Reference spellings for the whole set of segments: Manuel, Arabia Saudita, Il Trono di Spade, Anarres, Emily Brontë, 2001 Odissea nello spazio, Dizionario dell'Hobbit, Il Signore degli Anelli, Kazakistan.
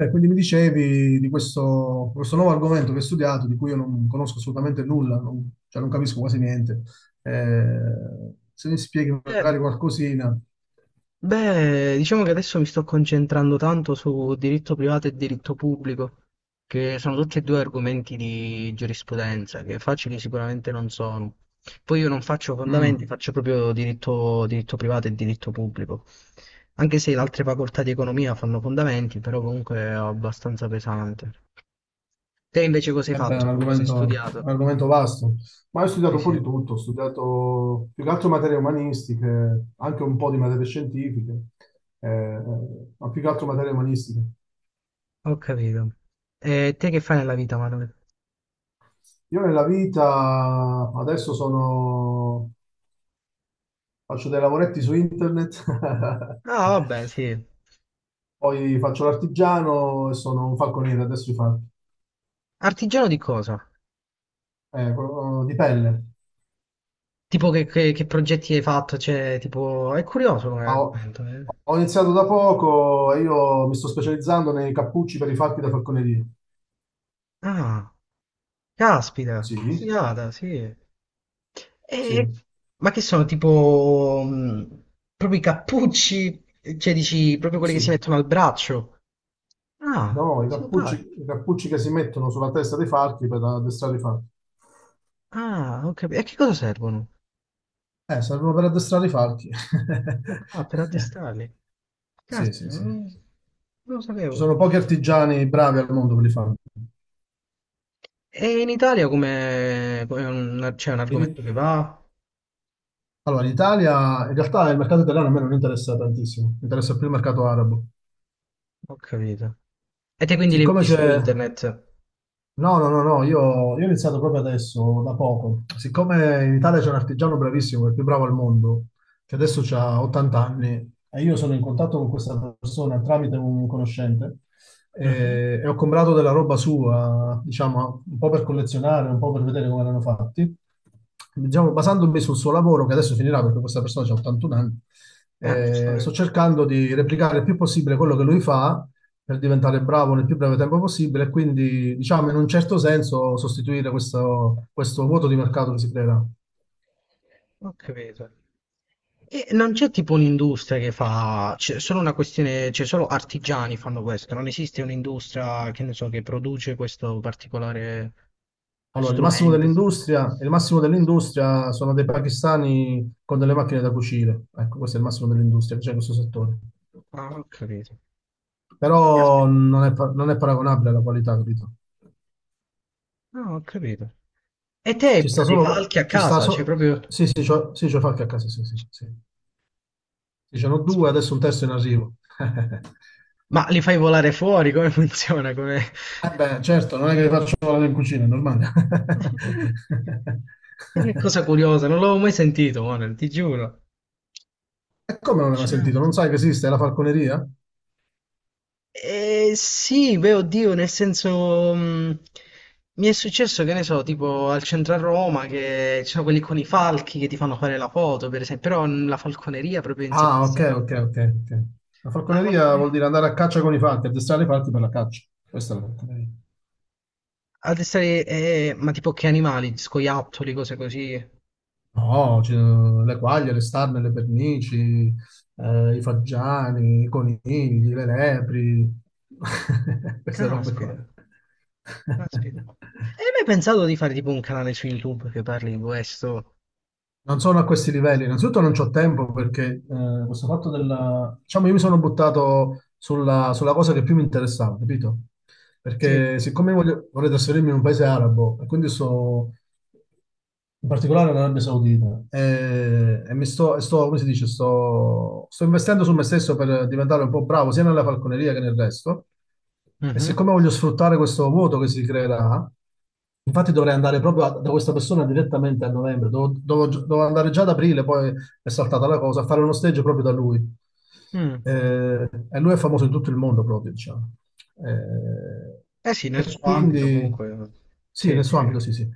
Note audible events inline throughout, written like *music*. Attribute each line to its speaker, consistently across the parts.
Speaker 1: Quindi mi dicevi di questo nuovo argomento che hai studiato, di cui io non conosco assolutamente nulla, non, cioè non capisco quasi niente. Eh, se mi spieghi
Speaker 2: Eh,
Speaker 1: magari qualcosina,
Speaker 2: Diciamo che adesso mi sto concentrando tanto su diritto privato e diritto pubblico, che sono tutti e due argomenti di giurisprudenza, che facili sicuramente non sono. Poi io non faccio fondamenti,
Speaker 1: mm,
Speaker 2: faccio proprio diritto, diritto privato e diritto pubblico. Anche se le altre facoltà di economia fanno fondamenti, però comunque è abbastanza pesante. Te invece cosa hai
Speaker 1: eh beh, è
Speaker 2: fatto? Cosa hai studiato?
Speaker 1: un argomento vasto. Ma io ho studiato
Speaker 2: Sì,
Speaker 1: un po'
Speaker 2: sì,
Speaker 1: di tutto, ho studiato più che altro materie umanistiche, anche un po' di materie scientifiche, eh, ma più che altro materie umanistiche.
Speaker 2: ho capito. E te che fai nella vita, Manuel?
Speaker 1: Io nella vita adesso faccio dei lavoretti su internet *laughs*
Speaker 2: Ah, vabbè, sì.
Speaker 1: Poi faccio l'artigiano e sono un falconiere adesso
Speaker 2: Artigiano di cosa?
Speaker 1: di pelle.
Speaker 2: Tipo che progetti hai fatto? Cioè, tipo, è curioso come
Speaker 1: Ah,
Speaker 2: argomento, eh.
Speaker 1: ho iniziato da poco e io mi sto specializzando nei cappucci per i falchi da falconeria.
Speaker 2: Ah,
Speaker 1: Sì,
Speaker 2: caspita, figata, sì. E-
Speaker 1: sì,
Speaker 2: ma che sono tipo proprio i cappucci? Cioè, dici proprio quelli che si
Speaker 1: sì.
Speaker 2: mettono al braccio? Ah,
Speaker 1: No,
Speaker 2: simpatico.
Speaker 1: i cappucci che si mettono sulla testa dei falchi per addestrare i falchi.
Speaker 2: Ah, ho capito. E a che cosa servono?
Speaker 1: Servono per addestrare i falchi. *laughs*
Speaker 2: Ah, per addestrarli.
Speaker 1: Sì, sì,
Speaker 2: Caspita,
Speaker 1: sì.
Speaker 2: non, non lo
Speaker 1: Ci
Speaker 2: sapevo.
Speaker 1: sono pochi artigiani bravi al mondo per li fare.
Speaker 2: E in Italia c'è un argomento che va?
Speaker 1: Allora, in realtà il mercato italiano a me non interessa tantissimo, mi interessa più il mercato arabo.
Speaker 2: Ho capito. E te quindi li vedi su
Speaker 1: Ok.
Speaker 2: internet?
Speaker 1: No, no, no, no, io ho iniziato proprio adesso, da poco. Siccome in Italia c'è un artigiano bravissimo, il più bravo al mondo, che adesso ha 80 anni, e io sono in contatto con questa persona tramite un conoscente,
Speaker 2: Mh-mh.
Speaker 1: e ho comprato della roba sua, diciamo, un po' per collezionare, un po' per vedere come erano fatti. Diciamo, basandomi sul suo lavoro, che adesso finirà perché questa persona ha 81 anni,
Speaker 2: Ah,
Speaker 1: sto
Speaker 2: giustamente.
Speaker 1: cercando di replicare il più possibile quello che lui fa, per diventare bravo nel più breve tempo possibile e quindi, diciamo, in un certo senso sostituire questo vuoto di mercato che si creerà.
Speaker 2: Ho capito. E non c'è tipo un'industria che fa c'è solo una questione cioè solo artigiani fanno questo, non esiste un'industria, che ne so, che produce questo particolare
Speaker 1: Allora,
Speaker 2: strumento.
Speaker 1: il massimo dell'industria sono dei pakistani con delle macchine da cucire. Ecco, questo è il massimo dell'industria che c'è in questo settore.
Speaker 2: Ah, ho capito.
Speaker 1: Però
Speaker 2: Caspita.
Speaker 1: non è paragonabile alla qualità, capito?
Speaker 2: Ah, ho capito. E te
Speaker 1: Ci sta
Speaker 2: i
Speaker 1: solo...
Speaker 2: falchi a
Speaker 1: Ci sta
Speaker 2: casa? Cioè
Speaker 1: so-
Speaker 2: proprio
Speaker 1: Sì, sì, c'ho fatto a casa, sì, sì, sì. Ci sono due,
Speaker 2: caspita.
Speaker 1: adesso un terzo in arrivo. *laughs*
Speaker 2: Ma li fai volare fuori? Come *laughs* funziona? Come
Speaker 1: Eh beh, certo, non è che li faccio lavorare in cucina, è normale. *laughs*
Speaker 2: *laughs* che cosa curiosa, non l'avevo mai sentito, Manuel, ti giuro.
Speaker 1: E come non l'hai mai sentito?
Speaker 2: Affascinante.
Speaker 1: Non sai che esiste la falconeria?
Speaker 2: Sì, beh, oddio, nel senso, mi è successo, che ne so, tipo al centro a Roma, che ci sono quelli con i falchi che ti fanno fare la foto, per esempio, però la falconeria proprio in sé
Speaker 1: Ah,
Speaker 2: per
Speaker 1: ok,
Speaker 2: sé, no?
Speaker 1: ok, ok. Ok. La
Speaker 2: La
Speaker 1: falconeria vuol
Speaker 2: falconeria.
Speaker 1: dire andare a caccia con i falchi, addestrare i falchi per la caccia. Questa è la falconeria.
Speaker 2: Addestrare, ma tipo che animali? Scoiattoli, cose così.
Speaker 1: No, le quaglie, le starne, le pernici, i faggiani, i conigli, le lepri, *laughs* queste robe qua.
Speaker 2: Caspita, caspita.
Speaker 1: *laughs*
Speaker 2: E hai mai pensato di fare tipo un canale su YouTube che parli di questo?
Speaker 1: Non sono a questi livelli. Innanzitutto non c'ho tempo perché questo fatto della... Diciamo, io mi sono buttato sulla cosa che più mi interessava, capito?
Speaker 2: Sì.
Speaker 1: Perché siccome vorrei trasferirmi in un paese arabo, e quindi sto in particolare in Arabia Saudita, e, come si dice, sto investendo su me stesso per diventare un po' bravo sia nella falconeria che nel resto. E
Speaker 2: Mhm.
Speaker 1: siccome voglio sfruttare questo vuoto che si creerà, infatti dovrei andare proprio da questa persona direttamente a novembre, dovevo andare già ad aprile, poi è saltata la cosa, a fare uno stage proprio da lui.
Speaker 2: Mm.
Speaker 1: E lui è famoso in tutto il mondo proprio, diciamo. Eh,
Speaker 2: Eh sì, nel
Speaker 1: e
Speaker 2: suo ambito
Speaker 1: quindi,
Speaker 2: comunque.
Speaker 1: sì,
Speaker 2: Sì,
Speaker 1: nel suo
Speaker 2: sì, ho
Speaker 1: ambito, sì, sì.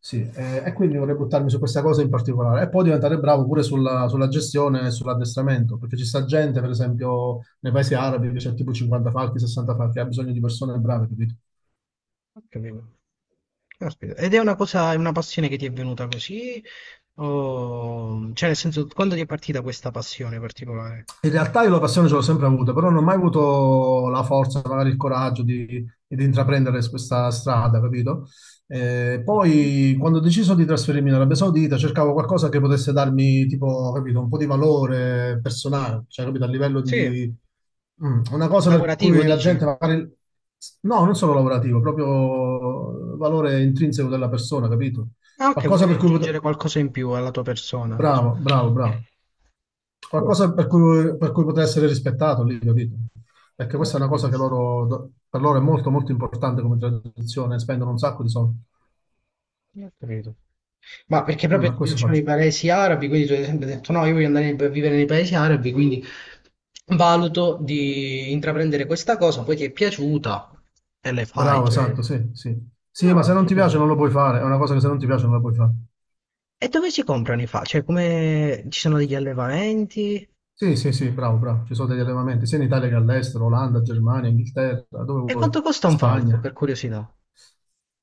Speaker 1: Sì, e quindi vorrei buttarmi su questa cosa in particolare e poi diventare bravo pure sulla gestione e sull'addestramento, perché ci sta gente, per esempio, nei paesi arabi che c'è tipo 50 falchi, 60 falchi, ha bisogno di persone brave, capito?
Speaker 2: capito. Caspita. Ed è una cosa, è una passione che ti è venuta così? O... Cioè, nel senso, quando ti è partita questa passione particolare?
Speaker 1: In realtà io la passione ce l'ho sempre avuta, però non ho mai avuto la forza, magari il coraggio di intraprendere questa strada, capito?
Speaker 2: Mhm.
Speaker 1: Poi quando ho deciso di trasferirmi in Arabia Saudita cercavo qualcosa che potesse darmi, tipo, capito, un po' di valore personale, cioè, capito, a livello
Speaker 2: Sì,
Speaker 1: di... una cosa per
Speaker 2: lavorativo
Speaker 1: cui la
Speaker 2: dici?
Speaker 1: gente magari... No, non solo lavorativo, proprio valore intrinseco della persona, capito?
Speaker 2: Ah, ok,
Speaker 1: Qualcosa
Speaker 2: volevi
Speaker 1: per cui
Speaker 2: aggiungere
Speaker 1: poter...
Speaker 2: qualcosa in più alla tua persona, dici?
Speaker 1: Bravo, bravo, bravo.
Speaker 2: Sì, ho
Speaker 1: Qualcosa per cui poter essere rispettato lì, capito? Perché questa è una cosa
Speaker 2: capito.
Speaker 1: che per loro è molto, molto importante come tradizione, spendono un sacco di soldi.
Speaker 2: Ho capito. Ma perché proprio
Speaker 1: Ma
Speaker 2: ti
Speaker 1: questo
Speaker 2: piacciono i
Speaker 1: faccio.
Speaker 2: paesi arabi, quindi tu hai sempre detto no, io voglio andare a vivere nei paesi arabi, quindi valuto di intraprendere questa cosa, poi ti è piaciuta e le fai,
Speaker 1: Bravo,
Speaker 2: cioè...
Speaker 1: esatto, sì, sì. Sì,
Speaker 2: No,
Speaker 1: ma
Speaker 2: ho
Speaker 1: se non ti
Speaker 2: capito.
Speaker 1: piace non lo puoi fare, è una cosa che se non ti piace non la puoi fare.
Speaker 2: E dove si comprano i falchi? Cioè, come ci sono degli allevamenti?
Speaker 1: Sì, sì, sì, bravo, bravo. Ci sono degli allevamenti sia in Italia che all'estero, Olanda, Germania, Inghilterra, dove
Speaker 2: E
Speaker 1: vuoi,
Speaker 2: quanto costa un falco,
Speaker 1: Spagna.
Speaker 2: per curiosità?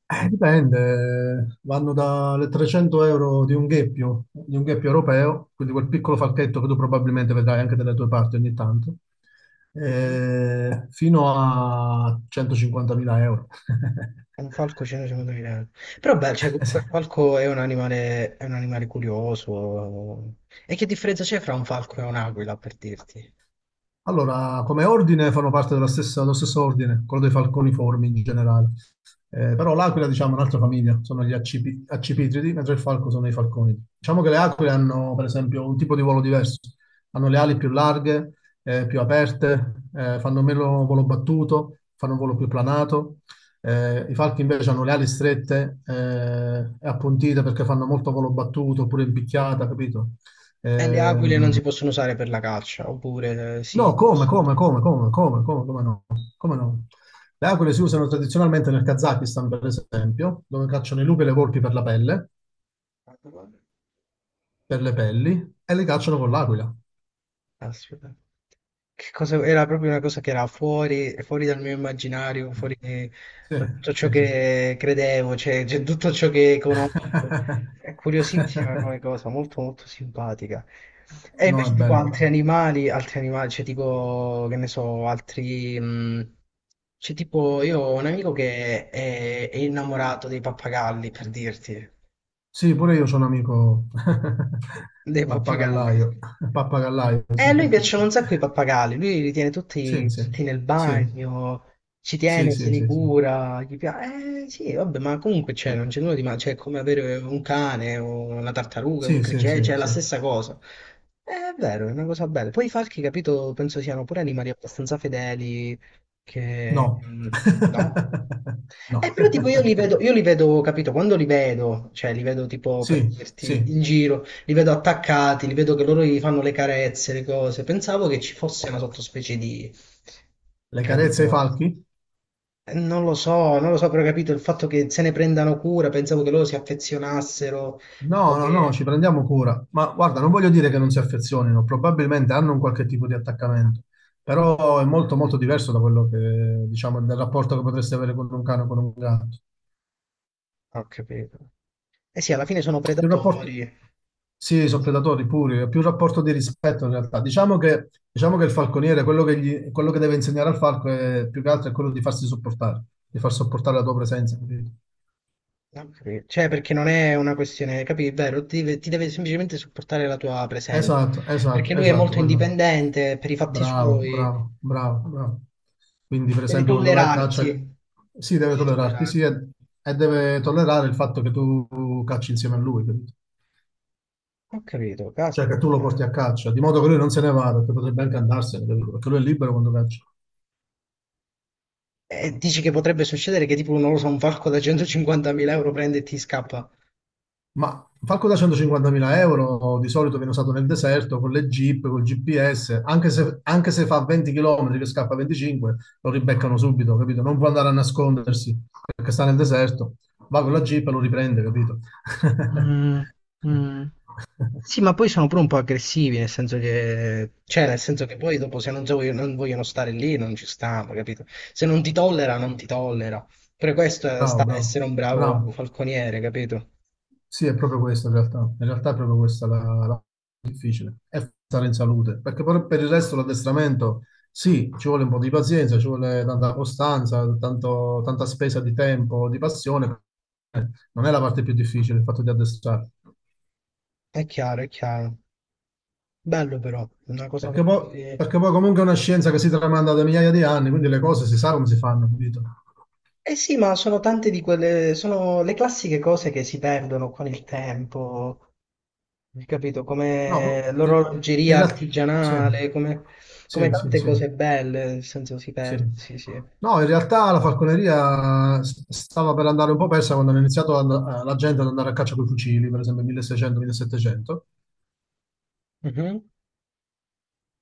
Speaker 1: Dipende, vanno dalle 300 euro di un gheppio europeo, quindi quel piccolo falchetto che tu probabilmente vedrai anche dalle tue parti ogni tanto,
Speaker 2: Mhm.
Speaker 1: fino a 150.000 euro.
Speaker 2: Un falco
Speaker 1: *laughs*
Speaker 2: 150 euro. Però beh, cioè,
Speaker 1: Eh sì.
Speaker 2: comunque il falco è un animale curioso. E che differenza c'è fra un falco e un'aquila, per dirti?
Speaker 1: Allora, come ordine fanno parte dello stesso ordine, quello dei falconiformi in generale. Però l'aquila, diciamo, è un'altra famiglia, sono gli accipitridi, mentre il falco sono i falconi. Diciamo che le aquile hanno, per esempio, un tipo di volo diverso. Hanno le ali più larghe, più aperte, fanno meno volo battuto, fanno un volo più planato. I falchi invece hanno le ali strette e appuntite perché fanno molto volo battuto oppure in picchiata, capito?
Speaker 2: E le
Speaker 1: Eh,
Speaker 2: aquile non si possono usare per la caccia, oppure sì,
Speaker 1: No, come,
Speaker 2: possono...
Speaker 1: come, come, come, come, come, come no? Come no? Le aquile si usano tradizionalmente nel Kazakistan, per esempio, dove cacciano i lupi e le volpi per la pelle, per le pelli, e le cacciano con l'aquila.
Speaker 2: Aspetta. Che cosa... Era proprio una cosa che era fuori, fuori dal mio immaginario, fuori
Speaker 1: Sì,
Speaker 2: da tutto ciò
Speaker 1: sì, sì.
Speaker 2: che credevo, cioè, tutto ciò che conosco. È
Speaker 1: *laughs*
Speaker 2: curiosissima come cosa, molto molto simpatica. E
Speaker 1: No, è
Speaker 2: invece tipo
Speaker 1: bello,
Speaker 2: altri
Speaker 1: bello.
Speaker 2: animali, altri animali, cioè tipo, che ne so, altri... c'è tipo, io ho un amico che è innamorato dei pappagalli, per dirti.
Speaker 1: Sì, pure io ho un amico *laughs*
Speaker 2: Dei pappagalli.
Speaker 1: pappagallaio, pappagallaio,
Speaker 2: A
Speaker 1: sì.
Speaker 2: lui piacciono un sacco i pappagalli, lui li tiene
Speaker 1: Sì,
Speaker 2: tutti,
Speaker 1: sì,
Speaker 2: tutti nel
Speaker 1: sì,
Speaker 2: bagno, ci
Speaker 1: sì,
Speaker 2: tiene, se
Speaker 1: sì,
Speaker 2: li
Speaker 1: sì, sì,
Speaker 2: cura, gli piace. Eh sì, vabbè, ma comunque c'è, non c'è nulla di male, cioè è come avere un cane o una tartaruga, un
Speaker 1: sì, sì,
Speaker 2: criceto,
Speaker 1: sì,
Speaker 2: cioè è la
Speaker 1: sì.
Speaker 2: stessa cosa. È vero, è una cosa bella. Poi i falchi, capito, penso siano pure animali abbastanza fedeli, che...
Speaker 1: No.
Speaker 2: mm, no?
Speaker 1: *laughs* No.
Speaker 2: Però tipo io li vedo, capito, quando li vedo, cioè li vedo tipo per
Speaker 1: Sì,
Speaker 2: dirti
Speaker 1: sì,
Speaker 2: in giro, li vedo attaccati, li vedo che loro gli fanno le carezze, le cose. Pensavo che ci fosse una sottospecie di...
Speaker 1: le carezze ai
Speaker 2: Capito?
Speaker 1: falchi?
Speaker 2: Non lo so, non lo so, però capito il fatto che se ne prendano cura, pensavo che loro si affezionassero o
Speaker 1: No, no, no,
Speaker 2: che...
Speaker 1: ci prendiamo cura. Ma guarda, non voglio dire che non si affezionino, probabilmente hanno un qualche tipo di attaccamento, però è molto molto diverso da quello che, diciamo, del rapporto che potresti avere con un cane o con un gatto.
Speaker 2: Ho capito. Eh sì, alla fine sono
Speaker 1: Più rapporto...
Speaker 2: predatori.
Speaker 1: Sì, sono predatori puri, è più rapporto di rispetto in realtà. Diciamo che il falconiere, quello che deve insegnare al falco è più che altro è quello di farsi sopportare, di far sopportare la tua presenza. Capito?
Speaker 2: Ho capito. Cioè, perché non è una questione, capi? È vero, ti deve semplicemente supportare la tua presenza.
Speaker 1: Esatto,
Speaker 2: Perché
Speaker 1: esatto,
Speaker 2: lui è
Speaker 1: esatto,
Speaker 2: molto
Speaker 1: quello.
Speaker 2: indipendente per i fatti
Speaker 1: Bravo,
Speaker 2: suoi.
Speaker 1: bravo, bravo, bravo. Quindi, per
Speaker 2: Devi
Speaker 1: esempio, quando vai a caccia,
Speaker 2: tollerarti.
Speaker 1: sì,
Speaker 2: Ti
Speaker 1: deve
Speaker 2: devi
Speaker 1: tollerarti, sì,
Speaker 2: tollerare.
Speaker 1: e deve tollerare il fatto che tu cacci insieme a lui, capito?
Speaker 2: Ho capito,
Speaker 1: Cioè che tu lo porti
Speaker 2: caspita.
Speaker 1: a caccia, di modo che lui non se ne vada, che potrebbe anche andarsene, capito? Perché lui è libero quando caccia.
Speaker 2: E dici che potrebbe succedere che tipo, non lo so, un falco da 150.000 euro prende e ti scappa.
Speaker 1: Ma falco da 150.000 euro di solito viene usato nel deserto con le jeep, col GPS, anche se fa 20 km che scappa a 25, lo ribeccano subito, capito? Non può andare a nascondersi perché sta nel deserto, va con la jeep e lo riprende, capito?
Speaker 2: Mm,
Speaker 1: *laughs*
Speaker 2: mm. Sì, ma poi sono pure un po' aggressivi, nel senso che... Cioè, nel senso che poi dopo se non, so- non vogliono stare lì, non ci stanno, capito? Se non ti tollera, non ti tollera. Per questo
Speaker 1: Bravo,
Speaker 2: sta a
Speaker 1: bravo,
Speaker 2: essere un bravo
Speaker 1: bravo.
Speaker 2: falconiere, capito?
Speaker 1: Sì, è proprio questo in realtà. In realtà è proprio questa la difficile è stare in salute, perché per il resto l'addestramento sì, ci vuole un po' di pazienza, ci vuole tanta costanza, tanta spesa di tempo, di passione. Non è la parte più difficile il fatto di addestrare,
Speaker 2: È chiaro, è chiaro. Bello però, una cosa veramente...
Speaker 1: perché poi comunque è una scienza che si tramanda da migliaia di anni, quindi le cose si sa come si fanno, capito?
Speaker 2: Eh sì, ma sono tante di quelle, sono le classiche cose che si perdono con il tempo, hai capito?
Speaker 1: No,
Speaker 2: Come
Speaker 1: in
Speaker 2: l'orologeria
Speaker 1: realtà sì,
Speaker 2: artigianale, come, come
Speaker 1: sì, sì,
Speaker 2: tante
Speaker 1: sì.
Speaker 2: cose belle, nel senso si
Speaker 1: Sì.
Speaker 2: perde, sì, sì.
Speaker 1: No, in realtà la falconeria stava per andare un po' persa quando hanno iniziato la gente ad andare a caccia con i fucili, per esempio 1600-1700,
Speaker 2: Mhm,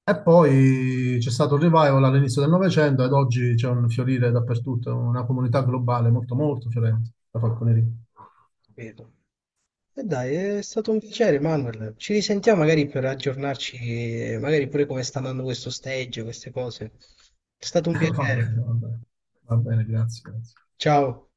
Speaker 1: e poi c'è stato il revival all'inizio del Novecento ed oggi c'è un fiorire dappertutto, una comunità globale molto molto fiorente, la falconeria.
Speaker 2: capito. E dai, è stato un piacere, Manuel. Ci risentiamo magari per aggiornarci, magari pure come sta andando questo stage, queste cose. È stato un
Speaker 1: *laughs* Va
Speaker 2: piacere.
Speaker 1: bene, va bene, va bene, grazie, grazie.
Speaker 2: Ciao.